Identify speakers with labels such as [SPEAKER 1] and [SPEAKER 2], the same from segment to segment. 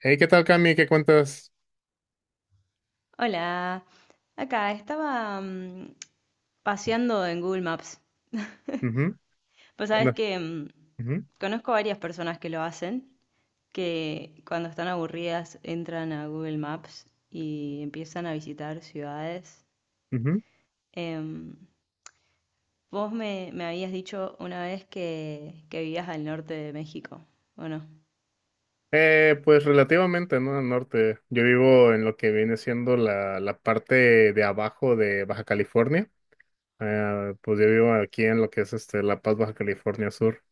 [SPEAKER 1] Hey, ¿qué tal, Cami? ¿Qué cuentas?
[SPEAKER 2] Hola, acá estaba paseando en Google Maps.
[SPEAKER 1] Ujú.
[SPEAKER 2] Pues
[SPEAKER 1] ¿Qué
[SPEAKER 2] sabes
[SPEAKER 1] onda?
[SPEAKER 2] que
[SPEAKER 1] Ujú,
[SPEAKER 2] conozco varias personas que lo hacen, que cuando están aburridas entran a Google Maps y empiezan a visitar ciudades.
[SPEAKER 1] ujú.
[SPEAKER 2] Em, vos me habías dicho una vez que vivías al norte de México, ¿o no?
[SPEAKER 1] Pues relativamente, ¿no? Al norte. Yo vivo en lo que viene siendo la parte de abajo de Baja California. Pues yo vivo aquí en lo que es este La Paz, Baja California Sur.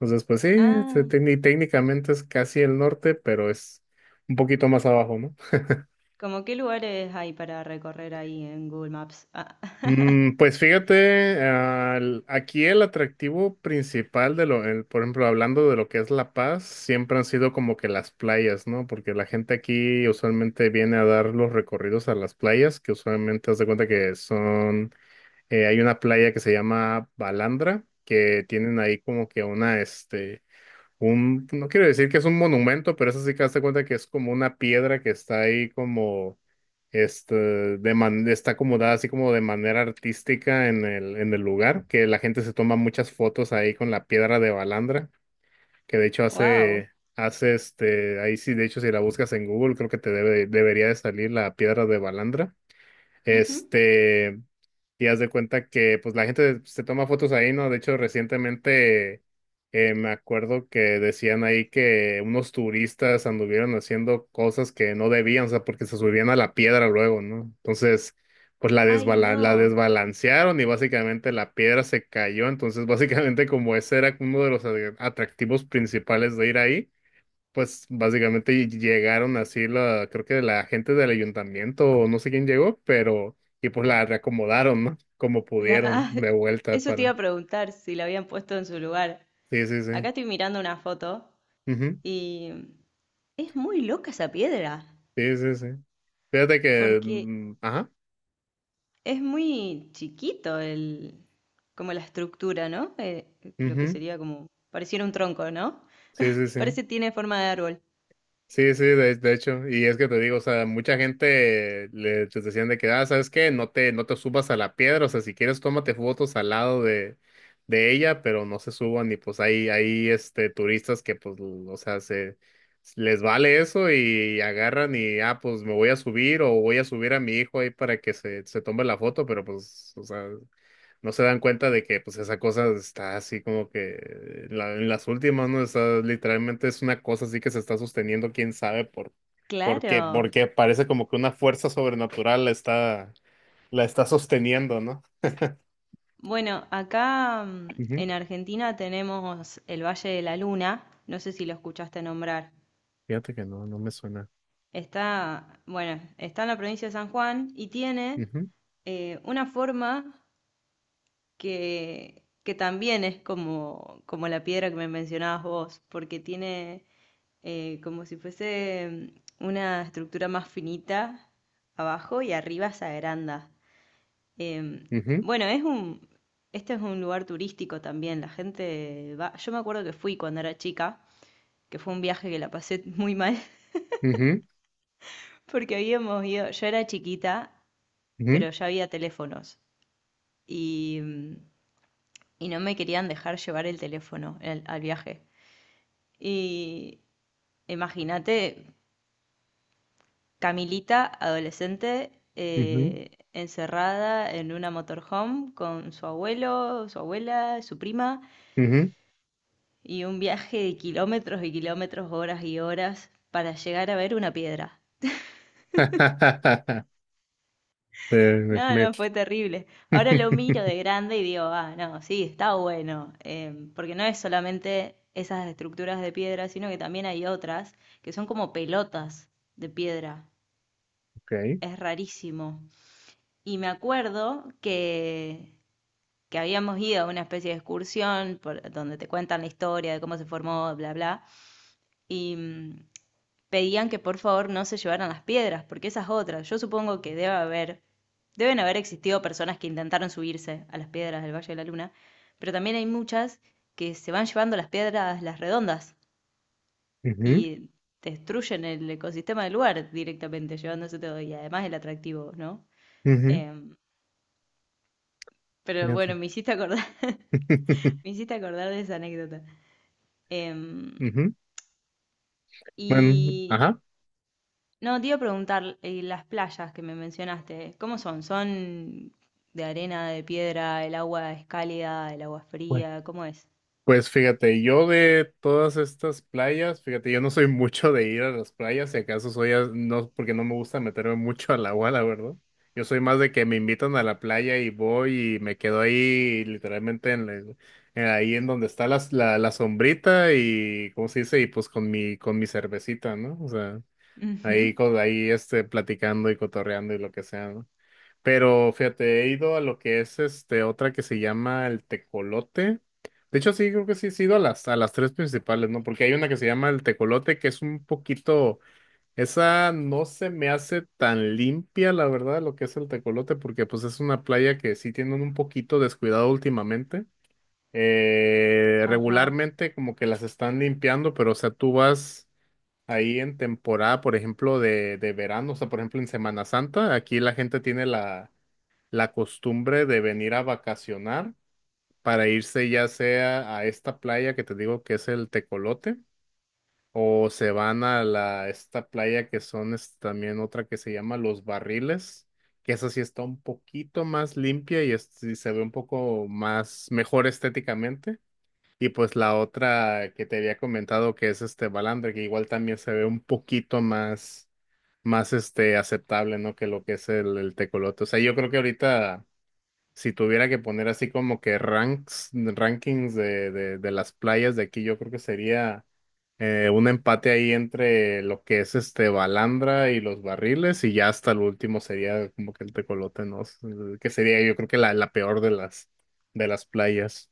[SPEAKER 1] Entonces, pues sí,
[SPEAKER 2] Ah,
[SPEAKER 1] y técnicamente es casi el norte, pero es un poquito más abajo, ¿no?
[SPEAKER 2] ¿cómo qué lugares hay para recorrer ahí en Google Maps? Ah,
[SPEAKER 1] Pues fíjate, aquí el atractivo principal por ejemplo, hablando de lo que es La Paz, siempre han sido como que las playas, ¿no? Porque la gente aquí usualmente viene a dar los recorridos a las playas, que usualmente haz de cuenta que son, hay una playa que se llama Balandra, que tienen ahí como que una, un, no quiero decir que es un monumento, pero eso sí que hazte cuenta que es como una piedra que está ahí como, este, está acomodada así como de manera artística en en el lugar, que la gente se toma muchas fotos ahí con la piedra de Balandra, que de hecho
[SPEAKER 2] wow.
[SPEAKER 1] hace, hace ahí sí, de hecho si la buscas en Google creo que te debería de salir la piedra de Balandra. Este, y haz de cuenta que pues la gente se toma fotos ahí, ¿no? De hecho, recientemente me acuerdo que decían ahí que unos turistas anduvieron haciendo cosas que no debían, o sea, porque se subían a la piedra luego, ¿no? Entonces, pues
[SPEAKER 2] Ay,
[SPEAKER 1] la
[SPEAKER 2] no.
[SPEAKER 1] desbalancearon y básicamente la piedra se cayó. Entonces, básicamente como ese era uno de los atractivos principales de ir ahí, pues básicamente llegaron así la, creo que la gente del ayuntamiento o no sé quién llegó, pero y pues la reacomodaron, ¿no? Como
[SPEAKER 2] La-
[SPEAKER 1] pudieron
[SPEAKER 2] ah,
[SPEAKER 1] de vuelta
[SPEAKER 2] eso te iba
[SPEAKER 1] para.
[SPEAKER 2] a preguntar si la habían puesto en su lugar.
[SPEAKER 1] Sí, sí, sí.
[SPEAKER 2] Acá estoy mirando una foto
[SPEAKER 1] Ujú.
[SPEAKER 2] y es muy loca esa piedra,
[SPEAKER 1] Sí, sí, sí. Fíjate que,
[SPEAKER 2] porque
[SPEAKER 1] mm, ajá.
[SPEAKER 2] es muy chiquito el, como la estructura, ¿no? Lo que
[SPEAKER 1] Ujú.
[SPEAKER 2] sería como, pareciera un tronco, ¿no?
[SPEAKER 1] Sí, sí, sí.
[SPEAKER 2] Parece tiene forma de árbol.
[SPEAKER 1] Sí, sí, de hecho, y es que te digo, o sea, mucha gente le les decían de que, ah, ¿sabes qué? No te subas a la piedra, o sea, si quieres tómate fotos al lado de ella, pero no se suban y pues hay turistas que pues, o sea, se, les vale eso y agarran y, ah, pues me voy a subir o voy a subir a mi hijo ahí para que se tome la foto, pero pues, o sea, no se dan cuenta de que pues esa cosa está así como que en las últimas, ¿no? Está literalmente, es una cosa así que se está sosteniendo, quién sabe por qué,
[SPEAKER 2] Claro.
[SPEAKER 1] porque parece como que una fuerza sobrenatural la está sosteniendo, ¿no?
[SPEAKER 2] Bueno, acá
[SPEAKER 1] Ujú.
[SPEAKER 2] en Argentina tenemos el Valle de la Luna, no sé si lo escuchaste nombrar.
[SPEAKER 1] Fíjate que no, no me suena.
[SPEAKER 2] Está, bueno, está en la provincia de San Juan y tiene
[SPEAKER 1] Ujú,
[SPEAKER 2] una forma que también es como, como la piedra que me mencionabas vos, porque tiene como si fuese una estructura más finita abajo y arriba se agranda. Em,
[SPEAKER 1] ujú,
[SPEAKER 2] bueno, es este es un lugar turístico también, la gente va, yo me acuerdo que fui cuando era chica, que fue un viaje que la pasé muy mal.
[SPEAKER 1] ujú,
[SPEAKER 2] Porque habíamos ido, yo era chiquita
[SPEAKER 1] ujú,
[SPEAKER 2] pero ya había teléfonos y, y no me querían dejar llevar el teléfono el- al viaje. Y imagínate, Camilita, adolescente,
[SPEAKER 1] ujú,
[SPEAKER 2] encerrada en una motorhome con su abuelo, su abuela, su prima,
[SPEAKER 1] ujú.
[SPEAKER 2] y un viaje de kilómetros y kilómetros, horas y horas para llegar a ver una piedra.
[SPEAKER 1] Eh,
[SPEAKER 2] No,
[SPEAKER 1] me-
[SPEAKER 2] no, fue terrible. Ahora lo miro de grande y digo, ah, no, sí, está bueno, em, porque no es solamente esas estructuras de piedra, sino que también hay otras que son como pelotas de piedra.
[SPEAKER 1] Ok.
[SPEAKER 2] Es rarísimo. Y me acuerdo que habíamos ido a una especie de excursión por, donde te cuentan la historia de cómo se formó, bla, bla. Y pedían que por favor no se llevaran las piedras, porque esas otras, yo supongo que debe haber, deben haber existido personas que intentaron subirse a las piedras del Valle de la Luna, pero también hay muchas que se van llevando las piedras, las redondas,
[SPEAKER 1] Ujú,
[SPEAKER 2] y destruyen el ecosistema del lugar directamente, llevándose todo, y además el atractivo, ¿no?
[SPEAKER 1] ujú.
[SPEAKER 2] Em, pero bueno,
[SPEAKER 1] Fíjate.
[SPEAKER 2] me hiciste acordar, me hiciste acordar de esa anécdota. Em,
[SPEAKER 1] Ujú. Bueno,
[SPEAKER 2] y
[SPEAKER 1] ajá.
[SPEAKER 2] no, te iba a preguntar, las playas que me mencionaste, ¿cómo son? ¿Son de arena, de piedra, el agua es cálida, el agua es fría? ¿Cómo es?
[SPEAKER 1] Pues fíjate, yo de todas estas playas, fíjate, yo no soy mucho de ir a las playas, si acaso soy, a- no, porque no me gusta meterme mucho al agua, la verdad. Yo soy más de que me invitan a la playa y voy y me quedo ahí literalmente en, en ahí en donde está la sombrita y, ¿cómo se dice? Y pues con mi cervecita, ¿no? O sea,
[SPEAKER 2] Ujú.
[SPEAKER 1] ahí, con, ahí platicando y cotorreando y lo que sea, ¿no? Pero fíjate, he ido a lo que es este otra que se llama el Tecolote. De hecho, sí, creo que sí, sí he ido a a las tres principales, ¿no? Porque hay una que se llama el Tecolote, que es un poquito, esa no se me hace tan limpia, la verdad, lo que es el Tecolote, porque pues es una playa que sí tienen un poquito descuidado últimamente.
[SPEAKER 2] Ajá,
[SPEAKER 1] Regularmente como que las están limpiando, pero o sea, tú vas ahí en temporada, por ejemplo, de verano, o sea, por ejemplo, en Semana Santa, aquí la gente tiene la costumbre de venir a vacacionar para irse ya sea a esta playa que te digo que es el Tecolote, o se van a la esta playa que son es también otra que se llama Los Barriles, que esa sí está un poquito más limpia y, es- sí se ve un poco más mejor estéticamente. Y pues la otra que te había comentado que es este Balandre, que igual también se ve un poquito más más este aceptable, ¿no? Que lo que es el tecolote. O sea, yo creo que ahorita si tuviera que poner así como que ranks, rankings de las playas de aquí, yo creo que sería un empate ahí entre lo que es este Balandra y los barriles, y ya hasta el último sería como que el Tecolote, ¿no? Que sería yo creo que la peor de las playas.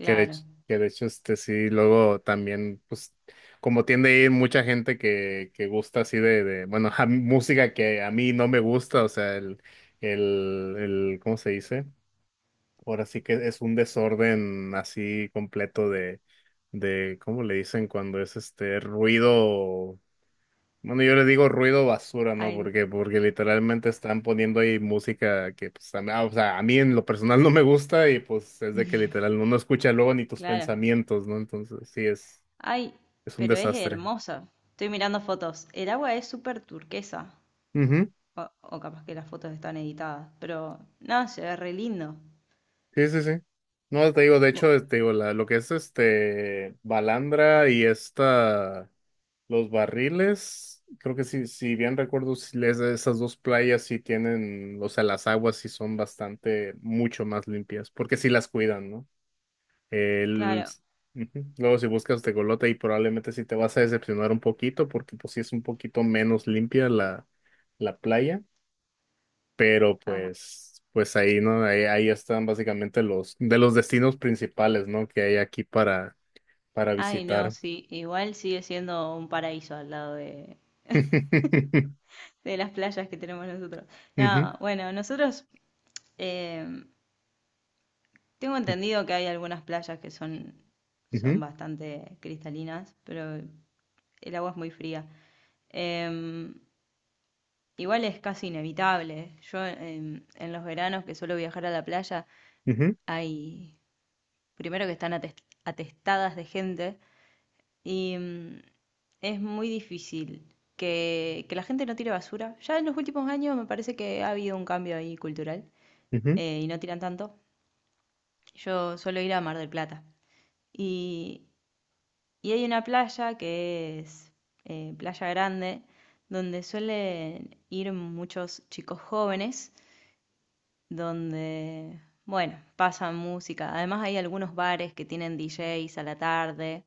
[SPEAKER 1] Que de hecho, este sí, luego también, pues, como tiende a ir mucha gente que gusta así bueno, música que a mí no me gusta, o sea, ¿cómo se dice? Ahora sí que es un desorden así completo ¿cómo le dicen cuando es este ruido? Bueno, yo le digo ruido basura, ¿no?
[SPEAKER 2] Ay,
[SPEAKER 1] Porque, porque literalmente están poniendo ahí música que, pues, o sea, a mí en lo personal no me gusta y pues es de que literal no escucha luego ni tus
[SPEAKER 2] claro.
[SPEAKER 1] pensamientos, ¿no? Entonces, sí,
[SPEAKER 2] Ay,
[SPEAKER 1] es un
[SPEAKER 2] pero es
[SPEAKER 1] desastre.
[SPEAKER 2] hermosa. Estoy mirando fotos. El agua es súper turquesa.
[SPEAKER 1] Ujú.
[SPEAKER 2] O, o capaz que las fotos están editadas, pero no, se ve re lindo.
[SPEAKER 1] Sí, sí, sí. No, te digo, de
[SPEAKER 2] Bu-
[SPEAKER 1] hecho, te digo, la, lo que es este Balandra y esta. Los barriles, creo que si bien recuerdo, si les- esas dos playas sí tienen, o sea, las aguas sí son bastante, mucho más limpias, porque sí las cuidan, ¿no? El,
[SPEAKER 2] claro.
[SPEAKER 1] ujú. Luego si buscas Tecolote y probablemente sí te vas a decepcionar un poquito, porque pues sí es un poquito menos limpia la playa, pero
[SPEAKER 2] Ajá.
[SPEAKER 1] pues, pues ahí, ¿no? Ahí, ahí están básicamente de los destinos principales, ¿no? Que hay aquí para
[SPEAKER 2] Ay, no,
[SPEAKER 1] visitar.
[SPEAKER 2] sí. Igual sigue siendo un paraíso al lado de las playas que tenemos nosotros.
[SPEAKER 1] Ujú,
[SPEAKER 2] No, bueno, nosotros eh, tengo entendido que hay algunas playas que son, son
[SPEAKER 1] ujú,
[SPEAKER 2] bastante cristalinas, pero el agua es muy fría. Eh, igual es casi inevitable. Yo em, en los veranos que suelo viajar a la playa,
[SPEAKER 1] ujú.
[SPEAKER 2] hay, primero que están ates- atestadas de gente y es muy difícil que la gente no tire basura. Ya en los últimos años me parece que ha habido un cambio ahí cultural.
[SPEAKER 1] Ujú,
[SPEAKER 2] Y no tiran tanto. Yo suelo ir a Mar del Plata. Y, y hay una playa que es Playa Grande, donde suelen ir muchos chicos jóvenes, donde, bueno, pasan música. Además hay algunos bares que tienen DJs a la tarde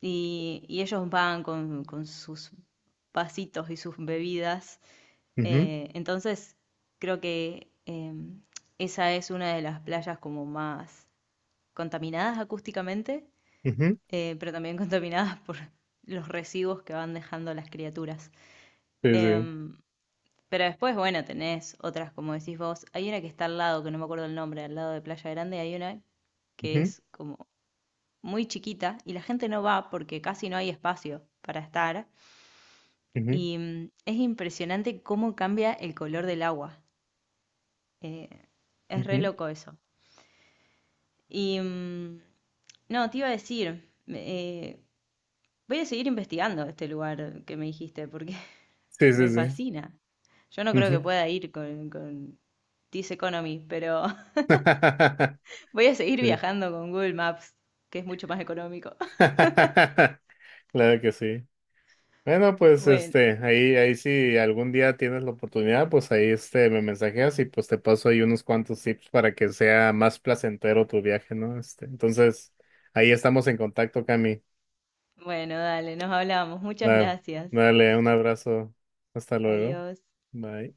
[SPEAKER 2] y ellos van con sus vasitos y sus bebidas.
[SPEAKER 1] ujú,
[SPEAKER 2] Entonces, creo que esa es una de las playas como más contaminadas acústicamente,
[SPEAKER 1] ujú.
[SPEAKER 2] pero también contaminadas por los residuos que van dejando las criaturas.
[SPEAKER 1] Sí, sí.
[SPEAKER 2] Em, pero después, bueno, tenés otras, como decís vos. Hay una que está al lado, que no me acuerdo el nombre, al lado de Playa Grande, hay una que
[SPEAKER 1] Ujú,
[SPEAKER 2] es como muy chiquita y la gente no va porque casi no hay espacio para estar.
[SPEAKER 1] ujú,
[SPEAKER 2] Y es impresionante cómo cambia el color del agua. Eh, es re
[SPEAKER 1] ujú.
[SPEAKER 2] loco eso. Y no, te iba a decir, eh, voy a seguir investigando este lugar que me dijiste porque
[SPEAKER 1] Sí, sí,
[SPEAKER 2] me
[SPEAKER 1] sí.
[SPEAKER 2] fascina. Yo no creo que
[SPEAKER 1] Ujú.
[SPEAKER 2] pueda ir con This Economy, pero voy a seguir
[SPEAKER 1] Sí.
[SPEAKER 2] viajando con Google Maps, que es mucho más económico.
[SPEAKER 1] Claro que sí. Bueno, pues
[SPEAKER 2] Bueno,
[SPEAKER 1] este, ahí, ahí si algún día tienes la oportunidad, pues ahí este me mensajeas y pues te paso ahí unos cuantos tips para que sea más placentero tu viaje, ¿no? Este, entonces, ahí estamos en contacto, Cami.
[SPEAKER 2] bueno, dale, nos hablamos. Muchas
[SPEAKER 1] Dale,
[SPEAKER 2] gracias.
[SPEAKER 1] dale, un abrazo. Hasta luego.
[SPEAKER 2] Adiós.
[SPEAKER 1] Bye.